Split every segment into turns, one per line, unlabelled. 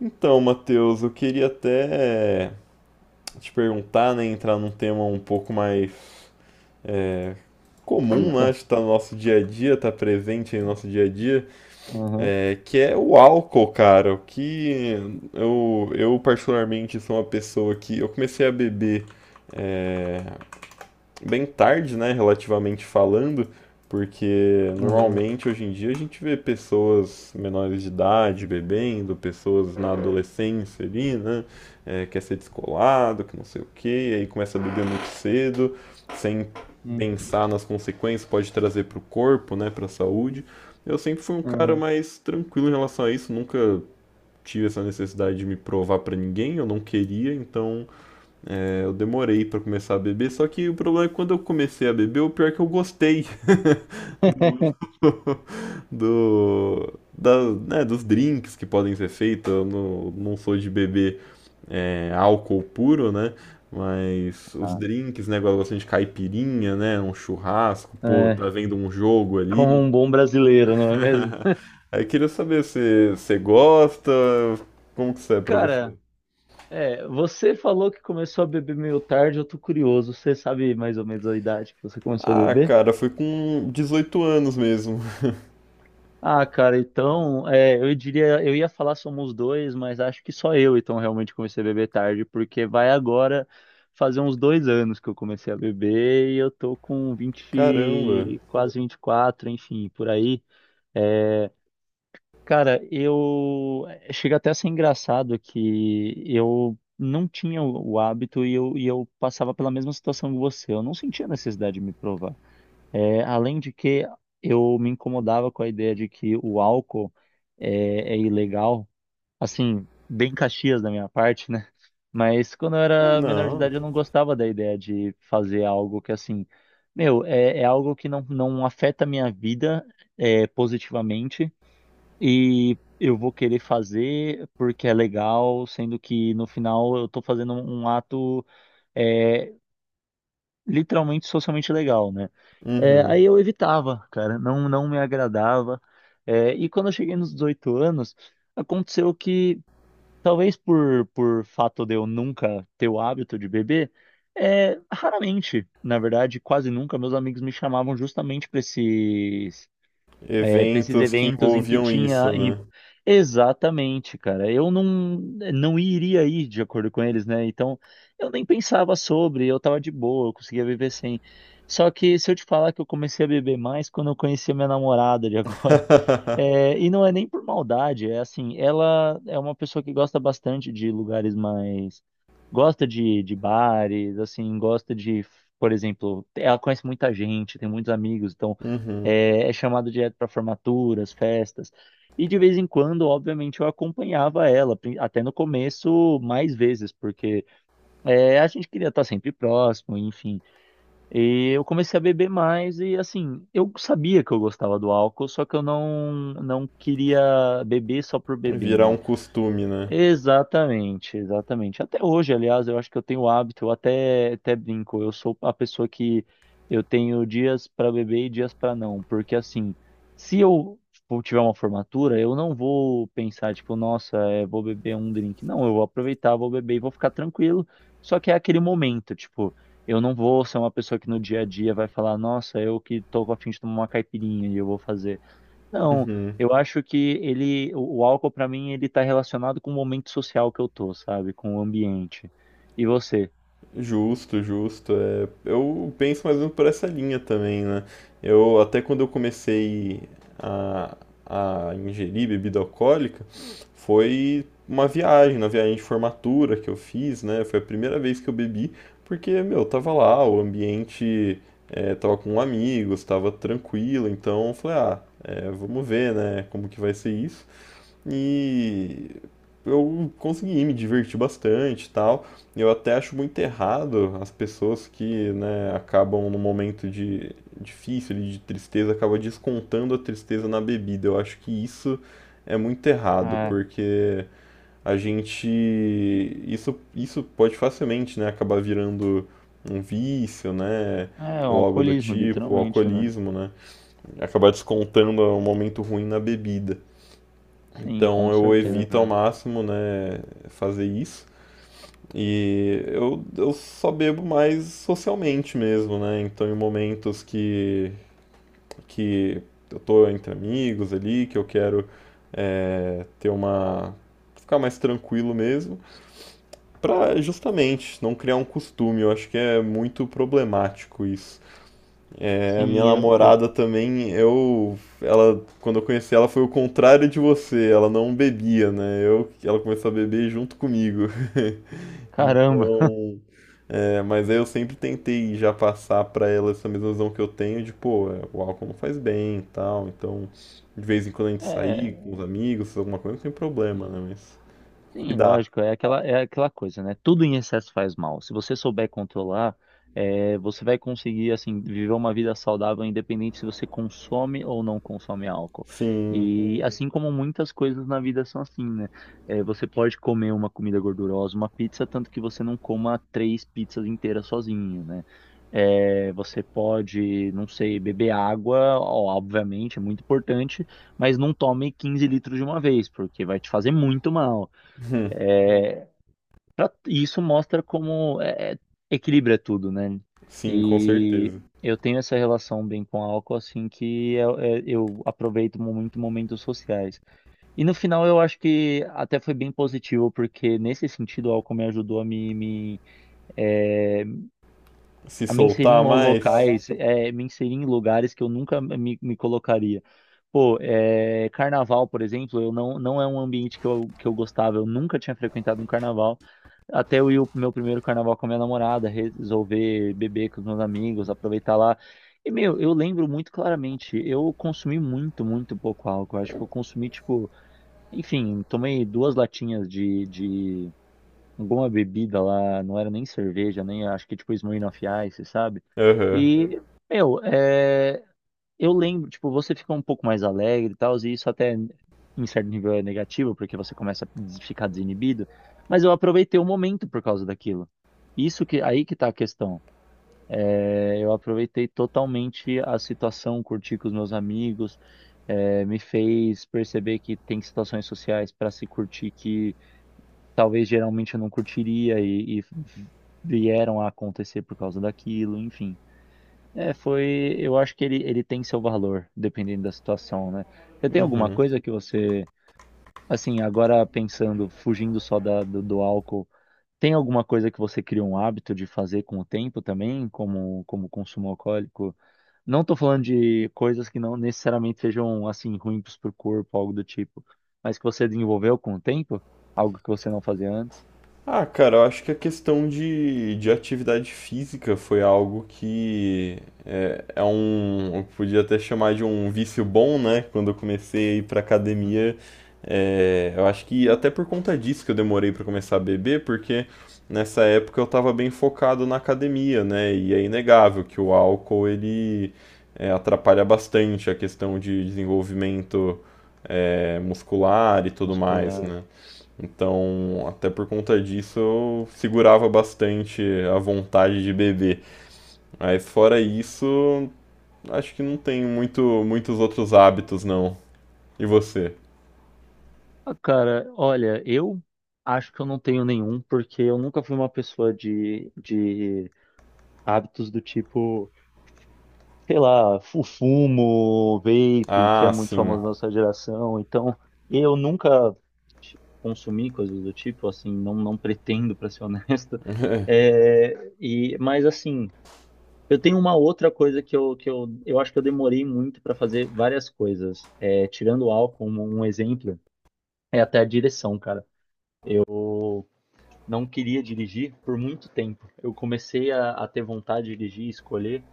Então, Matheus, eu queria até te perguntar, né, entrar num tema um pouco mais é, comum, né,
Eita.
que estar no nosso dia a dia, tá presente aí no nosso dia a dia,
Aham,
que é o álcool, cara. O que eu particularmente sou uma pessoa que eu comecei a beber é, bem tarde, né, relativamente falando, porque
aham,
normalmente hoje em dia a gente vê pessoas menores de idade bebendo, pessoas na adolescência ali, né, quer ser descolado, que não sei o quê, aí começa a beber muito cedo, sem
hum,
pensar nas consequências, pode trazer para o corpo, né, para a saúde. Eu sempre fui um cara
aham.
mais tranquilo em relação a isso, nunca tive essa necessidade de me provar para ninguém, eu não queria, então eu demorei pra começar a beber, só que o problema é que quando eu comecei a beber, o pior é que eu gostei. Né, dos drinks que podem ser feitos. Eu não sou de beber álcool puro, né? Mas os
Ah,
drinks, né? Igual eu gosto de caipirinha, né? Um churrasco, pô,
É,
tá vendo um jogo
Como
ali.
um bom brasileiro, não é mesmo?
Aí eu queria saber se você gosta, como que isso é pra
Cara,
você?
você falou que começou a beber meio tarde, eu tô curioso. Você sabe mais ou menos a idade que você começou a
Ah,
beber?
cara, foi com 18 anos mesmo.
Ah, cara, então, eu diria, eu ia falar somos dois, mas acho que só eu então realmente comecei a beber tarde, porque vai agora fazer uns dois anos que eu comecei a beber e eu tô com 20,
Caramba.
quase 24, enfim, por aí. É, Cara, eu chega até a ser engraçado que eu não tinha o hábito e eu passava pela mesma situação que você. Eu não sentia necessidade de me provar. É, além de que eu me incomodava com a ideia de que o álcool é ilegal, assim, bem Caxias da minha parte, né? Mas quando eu
É,
era menor de
não.
idade, eu não gostava da ideia de fazer algo que, assim, meu, é algo que não, não afeta a minha vida positivamente. E eu vou querer fazer porque é legal, sendo que no final eu tô fazendo um ato é, literalmente socialmente legal, né? É,
Uhum.
aí eu evitava, cara, não, não me agradava. É, e quando eu cheguei nos 18 anos, aconteceu que, talvez por fato de eu nunca ter o hábito de beber, raramente, na verdade, quase nunca, meus amigos me chamavam justamente para para esses
Eventos que
eventos em que
envolviam isso,
tinha.
né?
Exatamente, cara. Eu não, não iria ir de acordo com eles, né? Então, eu nem pensava sobre, eu tava de boa, eu conseguia viver sem. Só que se eu te falar que eu comecei a beber mais quando eu conheci a minha namorada de agora. É, e não é nem por maldade, é assim, ela é uma pessoa que gosta bastante de lugares mais. Gosta de bares, assim, gosta de, por exemplo, ela conhece muita gente, tem muitos amigos, então
Uhum.
é chamada direto para formaturas, festas. E de vez em quando, obviamente, eu acompanhava ela, até no começo, mais vezes, porque a gente queria estar sempre próximo, enfim. E eu comecei a beber mais e assim, eu sabia que eu gostava do álcool, só que eu não queria beber só por beber,
Virar um
né?
costume, né?
Exatamente, exatamente. Até hoje, aliás, eu acho que eu tenho o hábito, eu até brinco, eu sou a pessoa que eu tenho dias para beber e dias para não, porque assim, se eu for- tiver uma formatura, eu não vou pensar, tipo, nossa, vou beber um drink. Não, eu vou aproveitar, vou beber e vou ficar tranquilo. Só que é aquele momento, tipo, eu não vou ser uma pessoa que no dia a dia vai falar, nossa, eu que tô a fim de tomar uma caipirinha e eu vou fazer. Não,
Uhum.
eu acho que o álcool pra mim, ele tá relacionado com o momento social que eu tô, sabe? Com o ambiente. E você?
Justo, justo. É, eu penso mais ou menos por essa linha também, né? Eu até quando eu comecei a, a ingerir bebida alcoólica, foi uma viagem, na viagem de formatura que eu fiz, né? Foi a primeira vez que eu bebi, porque, meu, eu tava lá, o ambiente tava com amigos, tava tranquilo, então eu falei, ah, é, vamos ver, né, como que vai ser isso. E eu consegui me divertir bastante e tal. Eu até acho muito errado as pessoas que, né, acabam num momento de difícil, de tristeza, acabam descontando a tristeza na bebida. Eu acho que isso é muito errado,
É,
porque a gente isso pode facilmente, né, acabar virando um vício, né?
é um
Ou algo do
alcoolismo,
tipo,
literalmente, né?
alcoolismo, né? Acabar descontando um momento ruim na bebida.
Sim,
Então
com
eu
certeza,
evito ao
cara.
máximo, né, fazer isso. E eu só bebo mais socialmente mesmo, né? Então em momentos que eu tô entre amigos ali, que eu quero ter uma. Ficar mais tranquilo mesmo, pra justamente não criar um costume. Eu acho que é muito problemático isso. É, a minha
Sim.
namorada também, ela, quando eu conheci ela foi o contrário de você, ela não bebia, né? Ela começou a beber junto comigo.
Caramba.
Então, mas aí eu sempre tentei já passar pra ela essa mesma visão que eu tenho de, pô, o álcool não faz bem e tal. Então, de vez em quando a gente
É,
sair com os amigos, fazer alguma coisa, não tem problema, né? Mas
Sim,
cuidar.
lógico, é aquela coisa, né? Tudo em excesso faz mal. Se você souber controlar, você vai conseguir, assim, viver uma vida saudável, independente se você consome ou não consome álcool.
Sim,
E Uhum. Assim como muitas coisas na vida são assim, né? É, você pode comer uma comida gordurosa, uma pizza, tanto que você não coma três pizzas inteiras sozinho, né? É, você pode, não sei, beber água, ó, obviamente, é muito importante, mas não tome 15 litros de uma vez, porque vai te fazer muito mal. E isso mostra como é, equilibra tudo, né?
sim, com
E
certeza.
eu tenho essa relação bem com álcool, assim, que eu, eu aproveito muito momentos sociais. E no final eu acho que até foi bem positivo, porque nesse sentido o álcool me ajudou a me é,
Se
a me inserir em
soltar mais?
locais, é, me inserir em lugares que eu nunca me colocaria. Pô, é, carnaval, por exemplo, eu não, não é um ambiente que eu gostava, eu nunca tinha frequentado um carnaval. Até eu ir o meu primeiro carnaval com a minha namorada, resolver beber com os meus amigos, aproveitar lá. E, meu, eu lembro muito claramente, eu consumi muito, muito pouco álcool. Eu acho que eu consumi, tipo, enfim, tomei duas latinhas de boa bebida lá, não era nem cerveja, nem acho que tipo Smirnoff Ice, sabe?
Aham.
E, meu, eu lembro, tipo, você fica um pouco mais alegre e tal, e isso até em certo nível é negativo, porque você começa a ficar desinibido, mas eu aproveitei o momento por causa daquilo. Isso que, aí que tá a questão. É, eu aproveitei totalmente a situação, curti com os meus amigos, me fez perceber que tem situações sociais para se curtir que talvez geralmente eu não curtiria e vieram a acontecer por causa daquilo, enfim. Eu acho que ele tem seu valor, dependendo da situação, né? Você tem alguma coisa que você, assim, agora pensando, fugindo só do álcool, tem alguma coisa que você criou um hábito de fazer com o tempo também, como, como consumo alcoólico? Não tô falando de coisas que não necessariamente sejam, assim, ruins pro corpo, algo do tipo, mas que você desenvolveu com o tempo, algo que você não fazia antes.
Ah, cara, eu acho que a questão de atividade física foi algo que é um, eu podia até chamar de um vício bom, né? Quando eu comecei a ir pra academia, eu acho que até por conta disso que eu demorei pra começar a beber, porque nessa época eu tava bem focado na academia, né? E é inegável que o álcool ele atrapalha bastante a questão de desenvolvimento muscular e tudo mais,
Muscular.
né? Então, até por conta disso, eu segurava bastante a vontade de beber. Mas fora isso, acho que não tem muitos outros hábitos, não. E você?
Ah, cara, olha, eu acho que eu não tenho nenhum, porque eu nunca fui uma pessoa de hábitos do tipo, sei lá, fumo, vape, que é
Ah,
muito
sim.
famoso na nossa geração. Então, eu nunca consumi coisas do tipo, assim, não, não pretendo, pra ser honesto. É, e, mas, assim, eu tenho uma outra coisa que eu acho que eu demorei muito pra fazer várias coisas. É, tirando o álcool como um exemplo, é até a direção, cara. Não queria dirigir por muito tempo. Eu comecei a ter vontade de dirigir, escolher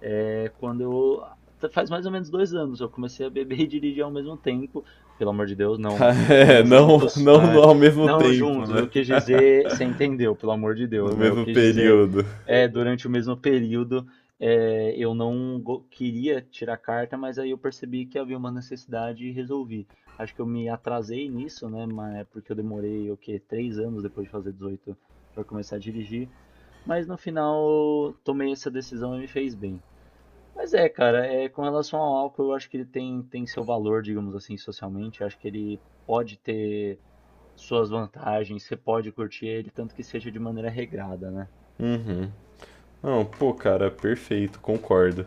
é, quando eu. Faz mais ou menos dois anos, eu comecei a beber e dirigir ao mesmo tempo. Pelo amor de Deus, não,
É,
não
não,
juntos, né?
ao mesmo
Não
tempo,
juntos,
né?
eu quis dizer, você entendeu, pelo amor de
No
Deus, né? Eu
mesmo
quis dizer,
período.
é, durante o mesmo período, eu não go- queria tirar carta, mas aí eu percebi que havia uma necessidade e resolvi. Acho que eu me atrasei nisso, né? Mas porque eu demorei, o quê? Três anos depois de fazer 18 para começar a dirigir. Mas no final, tomei essa decisão e me fez bem. Mas é, cara, é, com relação ao álcool, eu acho que ele tem, tem seu valor, digamos assim, socialmente. Eu acho que ele pode ter suas vantagens, você pode curtir ele, tanto que seja de maneira regrada, né?
Uhum. Não, pô, cara, perfeito, concordo.